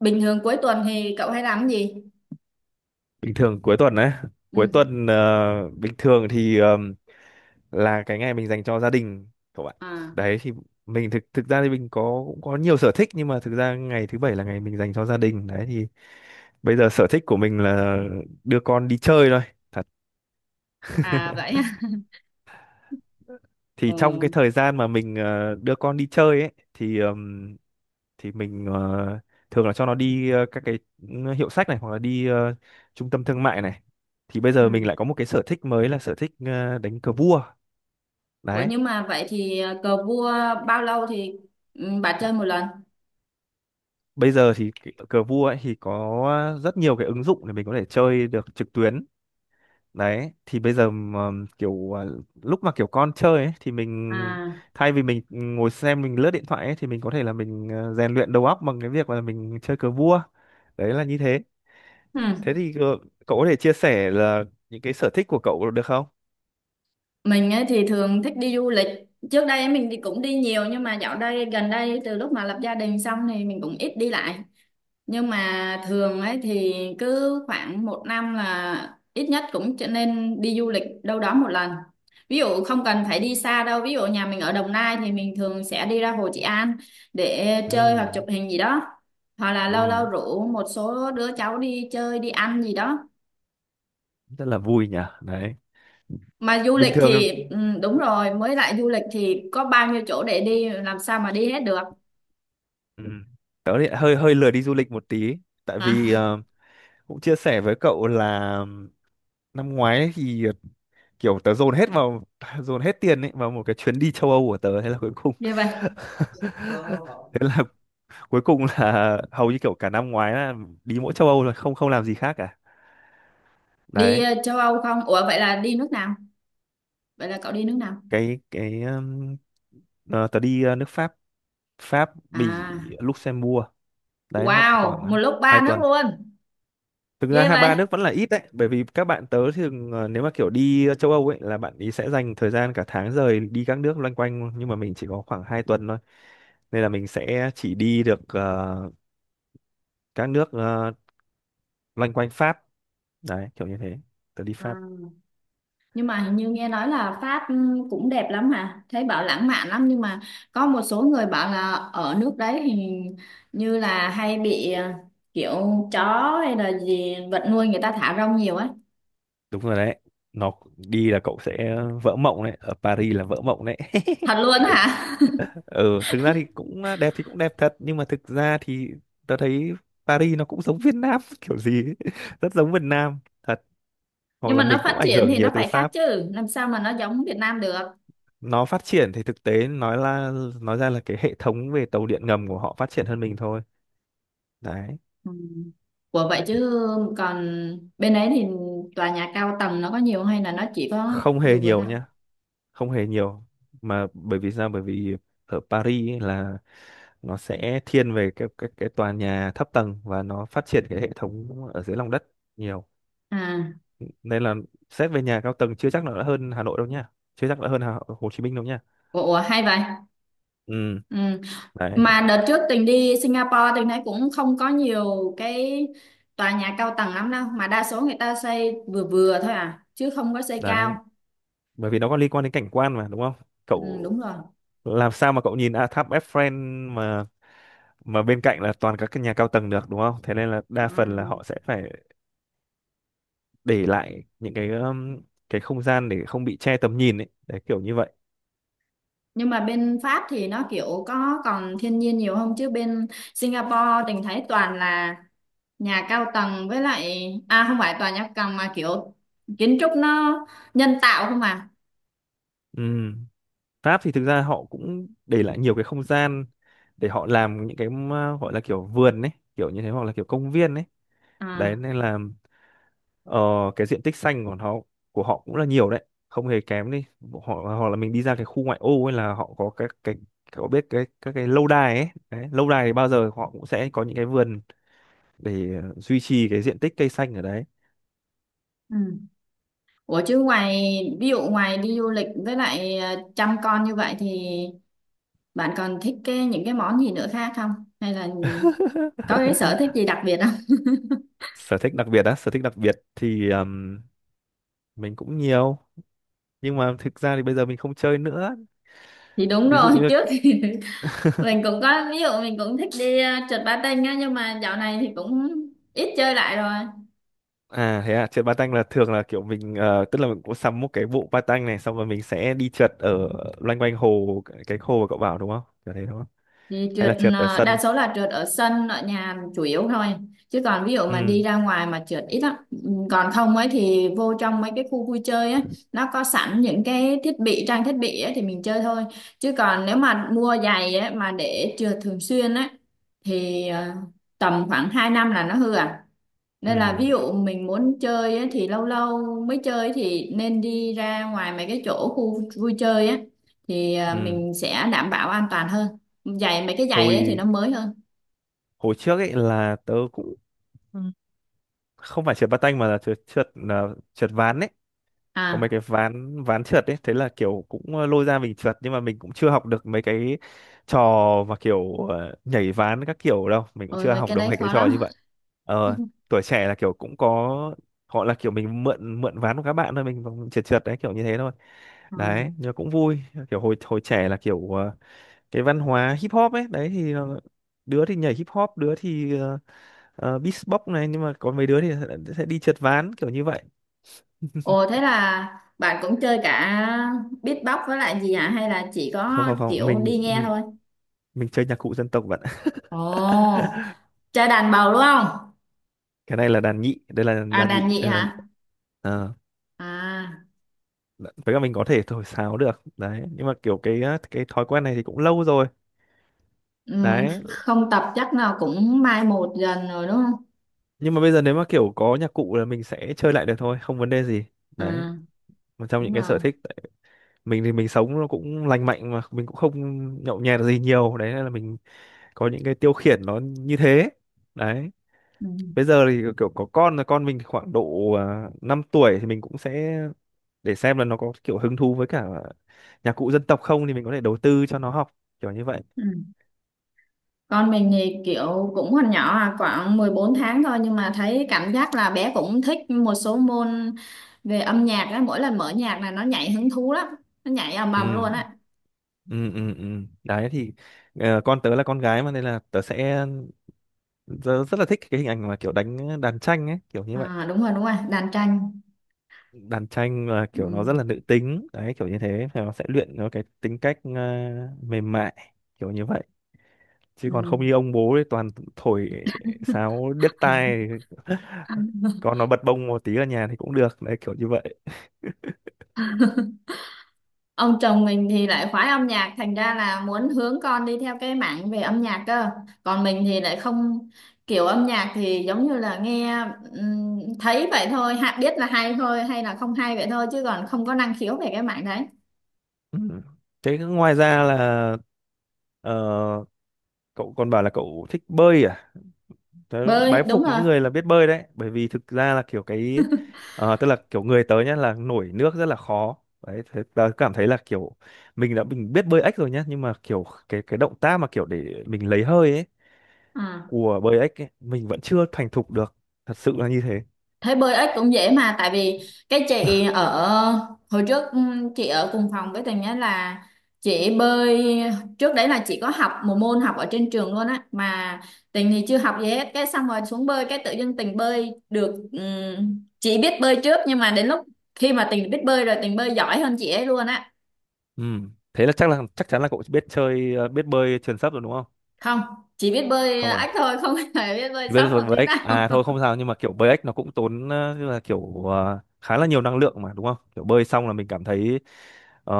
Bình thường cuối tuần thì cậu hay làm cái gì? Bình thường cuối tuần đấy. Ừ. Cuối tuần bình thường thì là cái ngày mình dành cho gia đình, các bạn. À, Đấy thì mình thực thực ra thì mình có, cũng có nhiều sở thích, nhưng mà thực ra ngày thứ bảy là ngày mình dành cho gia đình. Đấy thì bây giờ sở thích của mình là đưa con đi chơi thôi. à vậy ha. Thì Ừ. trong cái thời gian mà mình đưa con đi chơi ấy thì mình thường là cho nó đi các cái hiệu sách này, hoặc là đi trung tâm thương mại này. Thì bây giờ mình Ừ. lại có một cái sở thích mới là sở thích đánh cờ vua. Ủa Đấy. nhưng mà vậy thì à, cờ vua bao lâu thì ừ, bà chơi một lần? Bây giờ thì cái cờ vua ấy thì có rất nhiều cái ứng dụng để mình có thể chơi được trực tuyến. Đấy, thì bây giờ mà kiểu lúc mà kiểu con chơi ấy, thì mình À. thay vì mình ngồi xem mình lướt điện thoại ấy, thì mình có thể là mình rèn luyện đầu óc bằng cái việc là mình chơi cờ vua. Đấy là như thế. Ừ. Thế thì cậu có thể chia sẻ là những cái sở thích của cậu được không? Mình ấy thì thường thích đi du lịch. Trước đây ấy mình thì cũng đi nhiều nhưng mà dạo đây gần đây từ lúc mà lập gia đình xong thì mình cũng ít đi lại. Nhưng mà thường ấy thì cứ khoảng một năm là ít nhất cũng trở nên đi du lịch đâu đó một lần, ví dụ không cần phải đi xa đâu, ví dụ nhà mình ở Đồng Nai thì mình thường sẽ đi ra Hồ Trị An để Ừ. chơi hoặc chụp hình gì đó, hoặc là lâu Ừ, lâu rủ một số đứa cháu đi chơi đi ăn gì đó. rất là vui nhỉ. Đấy. Mà du Bình lịch thường. thì ừ, đúng rồi, mới lại du lịch thì có bao nhiêu chỗ để đi làm sao mà đi hết được. Ừ, tớ thì hơi hơi lười đi du lịch một tí, tại À, vì cũng chia sẻ với cậu là năm ngoái ấy thì kiểu tớ dồn hết vào dồn hết tiền ấy vào một cái chuyến đi châu Âu của tớ, thế là cuối cùng như vậy. thế là cuối cùng là hầu như kiểu cả năm ngoái là đi mỗi châu Âu rồi, không không làm gì khác cả. Đi Đấy. Châu Âu không, ủa vậy là đi nước nào, vậy là cậu đi nước nào? Cái Tớ đi nước Pháp Pháp Bỉ, À, Luxembourg. Đấy nó wow, khoảng một lúc ba hai nước tuần luôn. Thực ra Ghê hai vậy. ba nước vẫn là ít đấy, bởi vì các bạn tớ thường nếu mà kiểu đi châu Âu ấy là bạn ý sẽ dành thời gian cả tháng, rời đi các nước loanh quanh, nhưng mà mình chỉ có khoảng 2 tuần thôi. Nên là mình sẽ chỉ đi được các nước loanh quanh Pháp. Đấy kiểu như thế. Tớ đi Pháp. À. Nhưng mà hình như nghe nói là Pháp cũng đẹp lắm hả? Thấy bảo lãng mạn lắm nhưng mà có một số người bảo là ở nước đấy thì như là hay bị kiểu chó hay là gì vật nuôi người ta thả rong nhiều ấy. Đúng rồi đấy. Nó đi là cậu sẽ vỡ mộng đấy, ở Paris là vỡ mộng đấy. Thật luôn hả? Ừ, thực ra thì cũng đẹp, thì cũng đẹp thật, nhưng mà thực ra thì tớ thấy Paris nó cũng giống Việt Nam kiểu gì ấy. Rất giống Việt Nam thật. Hoặc Nhưng là mà nó mình cũng phát ảnh triển hưởng thì nhiều nó từ phải khác Pháp. chứ, làm sao mà nó giống Việt Nam được. Nó phát triển thì thực tế nói ra là cái hệ thống về tàu điện ngầm của họ phát triển hơn mình thôi. Đấy. Ừ. Ủa vậy chứ còn bên đấy thì tòa nhà cao tầng nó có nhiều hay là nó chỉ có Không hề vừa vừa thôi? nhiều nha. Không hề nhiều. Mà bởi vì sao? Bởi vì ở Paris ấy là nó sẽ thiên về cái tòa nhà thấp tầng, và nó phát triển cái hệ thống ở dưới lòng đất nhiều. À. Nên là xét về nhà cao tầng chưa chắc là đã hơn Hà Nội đâu nha, chưa chắc đã hơn Hồ Chí Minh đâu nha. Ủa, ủa, hay vậy. Ừ. Ừ. Đấy. Mà đợt trước Tình đi Singapore Tình thấy cũng không có nhiều cái tòa nhà cao tầng lắm đâu. Mà đa số người ta xây vừa vừa thôi à. Chứ không có xây Đấy cao. bởi vì nó có liên quan đến cảnh quan mà đúng không Ừ, đúng cậu? rồi. Làm sao mà cậu nhìn tháp Eiffel mà bên cạnh là toàn các cái nhà cao tầng được đúng không? Thế nên là đa phần là Ừ. họ sẽ phải để lại những cái không gian để không bị che tầm nhìn ấy, đấy kiểu như vậy. Nhưng mà bên Pháp thì nó kiểu có còn thiên nhiên nhiều không? Chứ bên Singapore Tình thấy toàn là nhà cao tầng với lại... À không phải tòa nhà cao tầng mà kiểu kiến trúc nó nhân tạo không à. Ừm. Pháp thì thực ra họ cũng để lại nhiều cái không gian để họ làm những cái mà gọi là kiểu vườn ấy, kiểu như thế, hoặc là kiểu công viên ấy. Đấy À. nên là ờ, cái diện tích xanh của họ cũng là nhiều đấy, không hề kém đi họ. Hoặc là mình đi ra cái khu ngoại ô ấy là họ có các cái, có biết cái, các cái lâu đài ấy đấy, lâu đài thì bao giờ họ cũng sẽ có những cái vườn để duy trì cái diện tích cây xanh ở đấy. Ừ. Ủa chứ ngoài ví dụ ngoài đi du lịch với lại chăm con như vậy thì bạn còn thích cái những cái món gì nữa khác không? Hay là có cái sở thích gì đặc biệt không? Sở thích đặc biệt á? Sở thích đặc biệt thì mình cũng nhiều, nhưng mà thực ra thì bây giờ mình không chơi nữa. Thì đúng Ví rồi, dụ như... trước thì mình cũng có, ví dụ mình cũng thích đi trượt patin á, nhưng mà dạo này thì cũng ít chơi lại rồi. À thế à? Trượt patin là thường là kiểu mình tức là mình cũng sắm một cái bộ patin này, xong rồi mình sẽ đi trượt ở loanh quanh hồ, cái hồ mà cậu bảo đúng không, kiểu thế đúng không? Thì Hay trượt là trượt ở sân. đa số là trượt ở sân ở nhà chủ yếu thôi, chứ còn ví dụ mà Ừ, đi ra ngoài mà trượt ít lắm. Ừ, còn không ấy thì vô trong mấy cái khu vui chơi ấy, nó có sẵn những cái thiết bị trang thiết bị ấy thì mình chơi thôi, chứ còn nếu mà mua giày ấy mà để trượt thường xuyên ấy thì tầm khoảng 2 năm là nó hư à, nên là ừ, ví dụ mình muốn chơi á, thì lâu lâu mới chơi thì nên đi ra ngoài mấy cái chỗ khu vui chơi á thì à, ừ. mình sẽ đảm bảo an toàn hơn. Giày, mấy cái giày ấy thì hồi nó mới hơn. hồi trước ấy là tớ cũng không phải trượt patin mà là trượt trượt là trượt ván ấy. Có mấy À, cái ván ván trượt ấy, thế là kiểu cũng lôi ra mình trượt, nhưng mà mình cũng chưa học được mấy cái trò mà kiểu nhảy ván các kiểu đâu, mình cũng ôi chưa mấy học cái được đấy mấy cái khó trò lắm. như vậy. ờ Tuổi trẻ là kiểu cũng có họ, là kiểu mình mượn mượn ván của các bạn thôi, mình vòng trượt trượt đấy, kiểu như thế thôi. Ừ. Đấy nhưng mà cũng vui. Kiểu hồi hồi trẻ là kiểu cái văn hóa hip hop ấy, đấy thì đứa thì nhảy hip hop, đứa thì beatbox này, nhưng mà có mấy đứa thì sẽ đi trượt ván kiểu như vậy. Ồ thế là bạn cũng chơi cả beatbox với lại gì hả, hay là chỉ Không, có không, không. kiểu đi mình nghe thôi? mình chơi nhạc cụ dân tộc bạn ạ. Ồ, chơi đàn bầu đúng không? Cái này là đàn nhị, đây là À đàn đàn nhị. nhị Đây là hả? ờ, À, với cả mình có thể thổi sáo được đấy, nhưng mà kiểu cái thói quen này thì cũng lâu rồi. Đấy, không tập chắc nào cũng mai một dần rồi đúng không? nhưng mà bây giờ nếu mà kiểu có nhạc cụ là mình sẽ chơi lại được thôi, không vấn đề gì. Đấy, À, một trong đúng những cái rồi. sở thích đấy. Mình thì mình sống nó cũng lành mạnh mà mình cũng không nhậu nhẹt gì nhiều, đấy nên là mình có những cái tiêu khiển nó như thế. Đấy. Ừ. Bây giờ thì kiểu có con rồi, con mình thì khoảng độ 5 tuổi thì mình cũng sẽ để xem là nó có kiểu hứng thú với cả nhạc cụ dân tộc không thì mình có thể đầu tư cho nó học, kiểu như vậy. Ừ. Con mình thì kiểu cũng còn nhỏ à, khoảng 14 tháng thôi, nhưng mà thấy cảm giác là bé cũng thích một số môn về âm nhạc á, mỗi lần mở nhạc là nó nhảy hứng thú lắm, nó nhảy ầm ầm luôn Ừ, á. ừ, ừ, ừ. Đấy thì con tớ là con gái mà nên là tớ rất là thích cái hình ảnh mà kiểu đánh đàn tranh ấy, kiểu như vậy. À, đúng rồi, đàn tranh. Đàn tranh là Ừ. kiểu nó rất là nữ tính đấy, kiểu như thế. Thì nó sẽ luyện nó cái tính cách mềm mại, kiểu như vậy. Chứ Ừ. còn không như ông bố ấy toàn thổi sáo điếc tai. Còn nó bật bông một tí ở nhà thì cũng được đấy, kiểu như vậy. Ông chồng mình thì lại khoái âm nhạc thành ra là muốn hướng con đi theo cái mảng về âm nhạc cơ, còn mình thì lại không, kiểu âm nhạc thì giống như là nghe thấy vậy thôi ha, biết là hay thôi hay là không hay vậy thôi, chứ còn không có năng khiếu về cái mảng đấy. Ừ. Thế ngoài ra là ờ, cậu còn bảo là cậu thích bơi à? Tớ Bơi bái đúng phục rồi. những người là biết bơi đấy, bởi vì thực ra là tức là kiểu người tớ nhá là nổi nước rất là khó đấy. Thế tớ cảm thấy là kiểu mình biết bơi ếch rồi nhá, nhưng mà kiểu cái động tác mà kiểu để mình lấy hơi ấy, À. của bơi ếch ấy, mình vẫn chưa thành thục được, thật sự là như thế. Thấy bơi ếch cũng dễ mà, tại vì cái chị ở hồi trước chị ở cùng phòng với Tường nhé, là chị bơi trước đấy, là chị có học một môn học ở trên trường luôn á, mà Tình thì chưa học gì hết, cái xong rồi xuống bơi cái tự dưng Tình bơi được. Ừm, chị biết bơi trước nhưng mà đến lúc khi mà Tình biết bơi rồi Tình bơi giỏi hơn chị ấy luôn á. Ừ. Thế là chắc chắn là cậu biết bơi truyền sấp rồi đúng không? Không, chỉ biết bơi Không à? ếch thôi, không hề biết bơi Vâng, sóng một rồi tí nào. Black à thôi, không sao, nhưng mà kiểu Black nó cũng tốn tức là kiểu khá là nhiều năng lượng mà đúng không, kiểu bơi xong là mình cảm thấy ờ,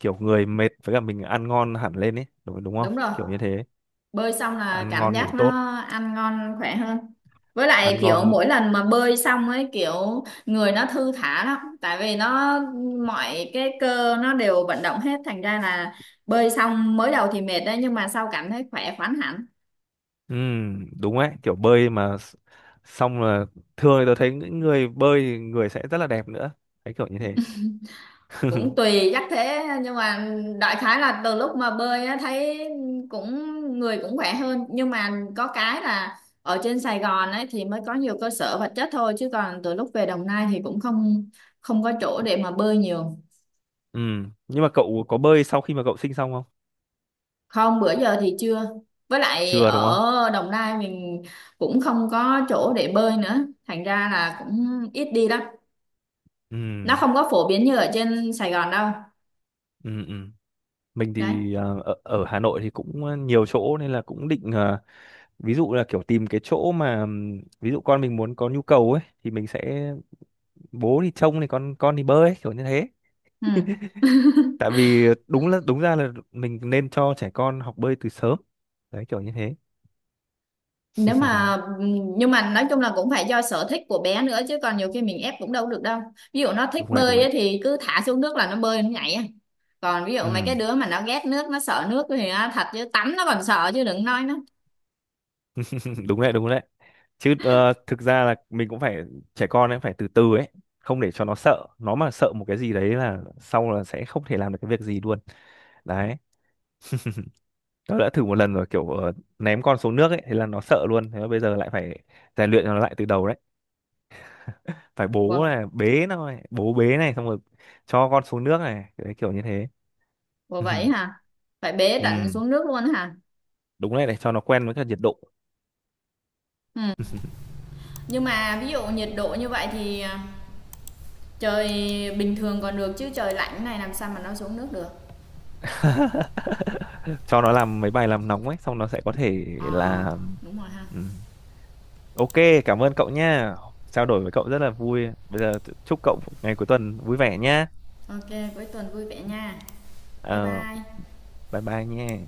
kiểu người mệt với cả mình ăn ngon hẳn lên ấy, đúng không Đúng rồi, kiểu như thế? bơi xong là Ăn cảm ngon ngủ giác tốt. nó ăn ngon khỏe hơn, với Ăn lại ngon kiểu ngủ mỗi lần mà bơi xong ấy kiểu người nó thư thả lắm, tại vì nó mọi cái cơ nó đều vận động hết, thành ra là bơi xong mới đầu thì mệt đấy nhưng mà sau cảm thấy khỏe khoắn hẳn. Đúng ấy. Kiểu bơi mà xong là thường thì tôi thấy những người bơi thì người sẽ rất là đẹp nữa, thấy kiểu như thế. Cũng tùy chắc thế, nhưng mà đại khái là từ lúc mà bơi á, thấy cũng người cũng khỏe hơn, nhưng mà có cái là ở trên Sài Gòn ấy thì mới có nhiều cơ sở vật chất thôi, chứ còn từ lúc về Đồng Nai thì cũng không không có chỗ để mà bơi nhiều. Nhưng mà cậu có bơi sau khi mà cậu sinh xong không? Không, bữa giờ thì chưa, với lại Chưa đúng không? ở Đồng Nai mình cũng không có chỗ để bơi nữa, thành ra là cũng ít đi lắm. Nó Ừm, không có phổ biến như ở trên Sài Gòn đâu. ừm, ừm. Mình Đấy, thì ở Hà Nội thì cũng nhiều chỗ nên là cũng định ví dụ là kiểu tìm cái chỗ mà ví dụ con mình muốn có nhu cầu ấy thì mình sẽ bố thì trông thì con thì bơi ấy, kiểu như thế. ừ, Tại vì đúng ra là mình nên cho trẻ con học bơi từ sớm đấy, kiểu như thế. nếu mà nhưng mà nói chung là cũng phải do sở thích của bé nữa, chứ còn nhiều khi mình ép cũng đâu được đâu. Ví dụ nó thích Đúng đấy, đúng bơi đấy. ấy, thì cứ thả xuống nước là nó bơi nó nhảy à. Còn ví dụ mấy cái Ừm. đứa mà nó ghét nước nó sợ nước thì á, thật chứ tắm nó còn sợ chứ đừng nói nó. Đúng đấy, đúng đấy. Chứ thực ra là mình cũng phải, trẻ con ấy phải từ từ ấy, không để cho nó sợ, nó mà sợ một cái gì đấy là sau là sẽ không thể làm được cái việc gì luôn. Đấy. Tớ đã thử một lần rồi kiểu ném con xuống nước ấy, thế là nó sợ luôn. Thế mà bây giờ lại phải rèn luyện nó lại từ đầu đấy, phải bố Wow, này, bế nó này, bố bế này, xong rồi cho con xuống nước này, đấy kiểu như thế. wow vậy hả, phải bế tận Ừ, xuống nước luôn hả? đúng đấy, để cho nó quen với cả nhiệt độ. Ừ. Nhưng mà ví dụ nhiệt độ như vậy thì à, trời bình thường còn được chứ trời lạnh này làm sao mà nó xuống nước được. Cho nó làm mấy bài làm nóng ấy xong nó sẽ có thể Ờ, là. đúng rồi ha. Ừ. Ok, cảm ơn cậu nha, trao đổi với cậu rất là vui. Bây giờ chúc cậu ngày cuối tuần vui vẻ nhá. OK, cuối tuần vui vẻ nha, bye Ờ, bye. bye bye nha.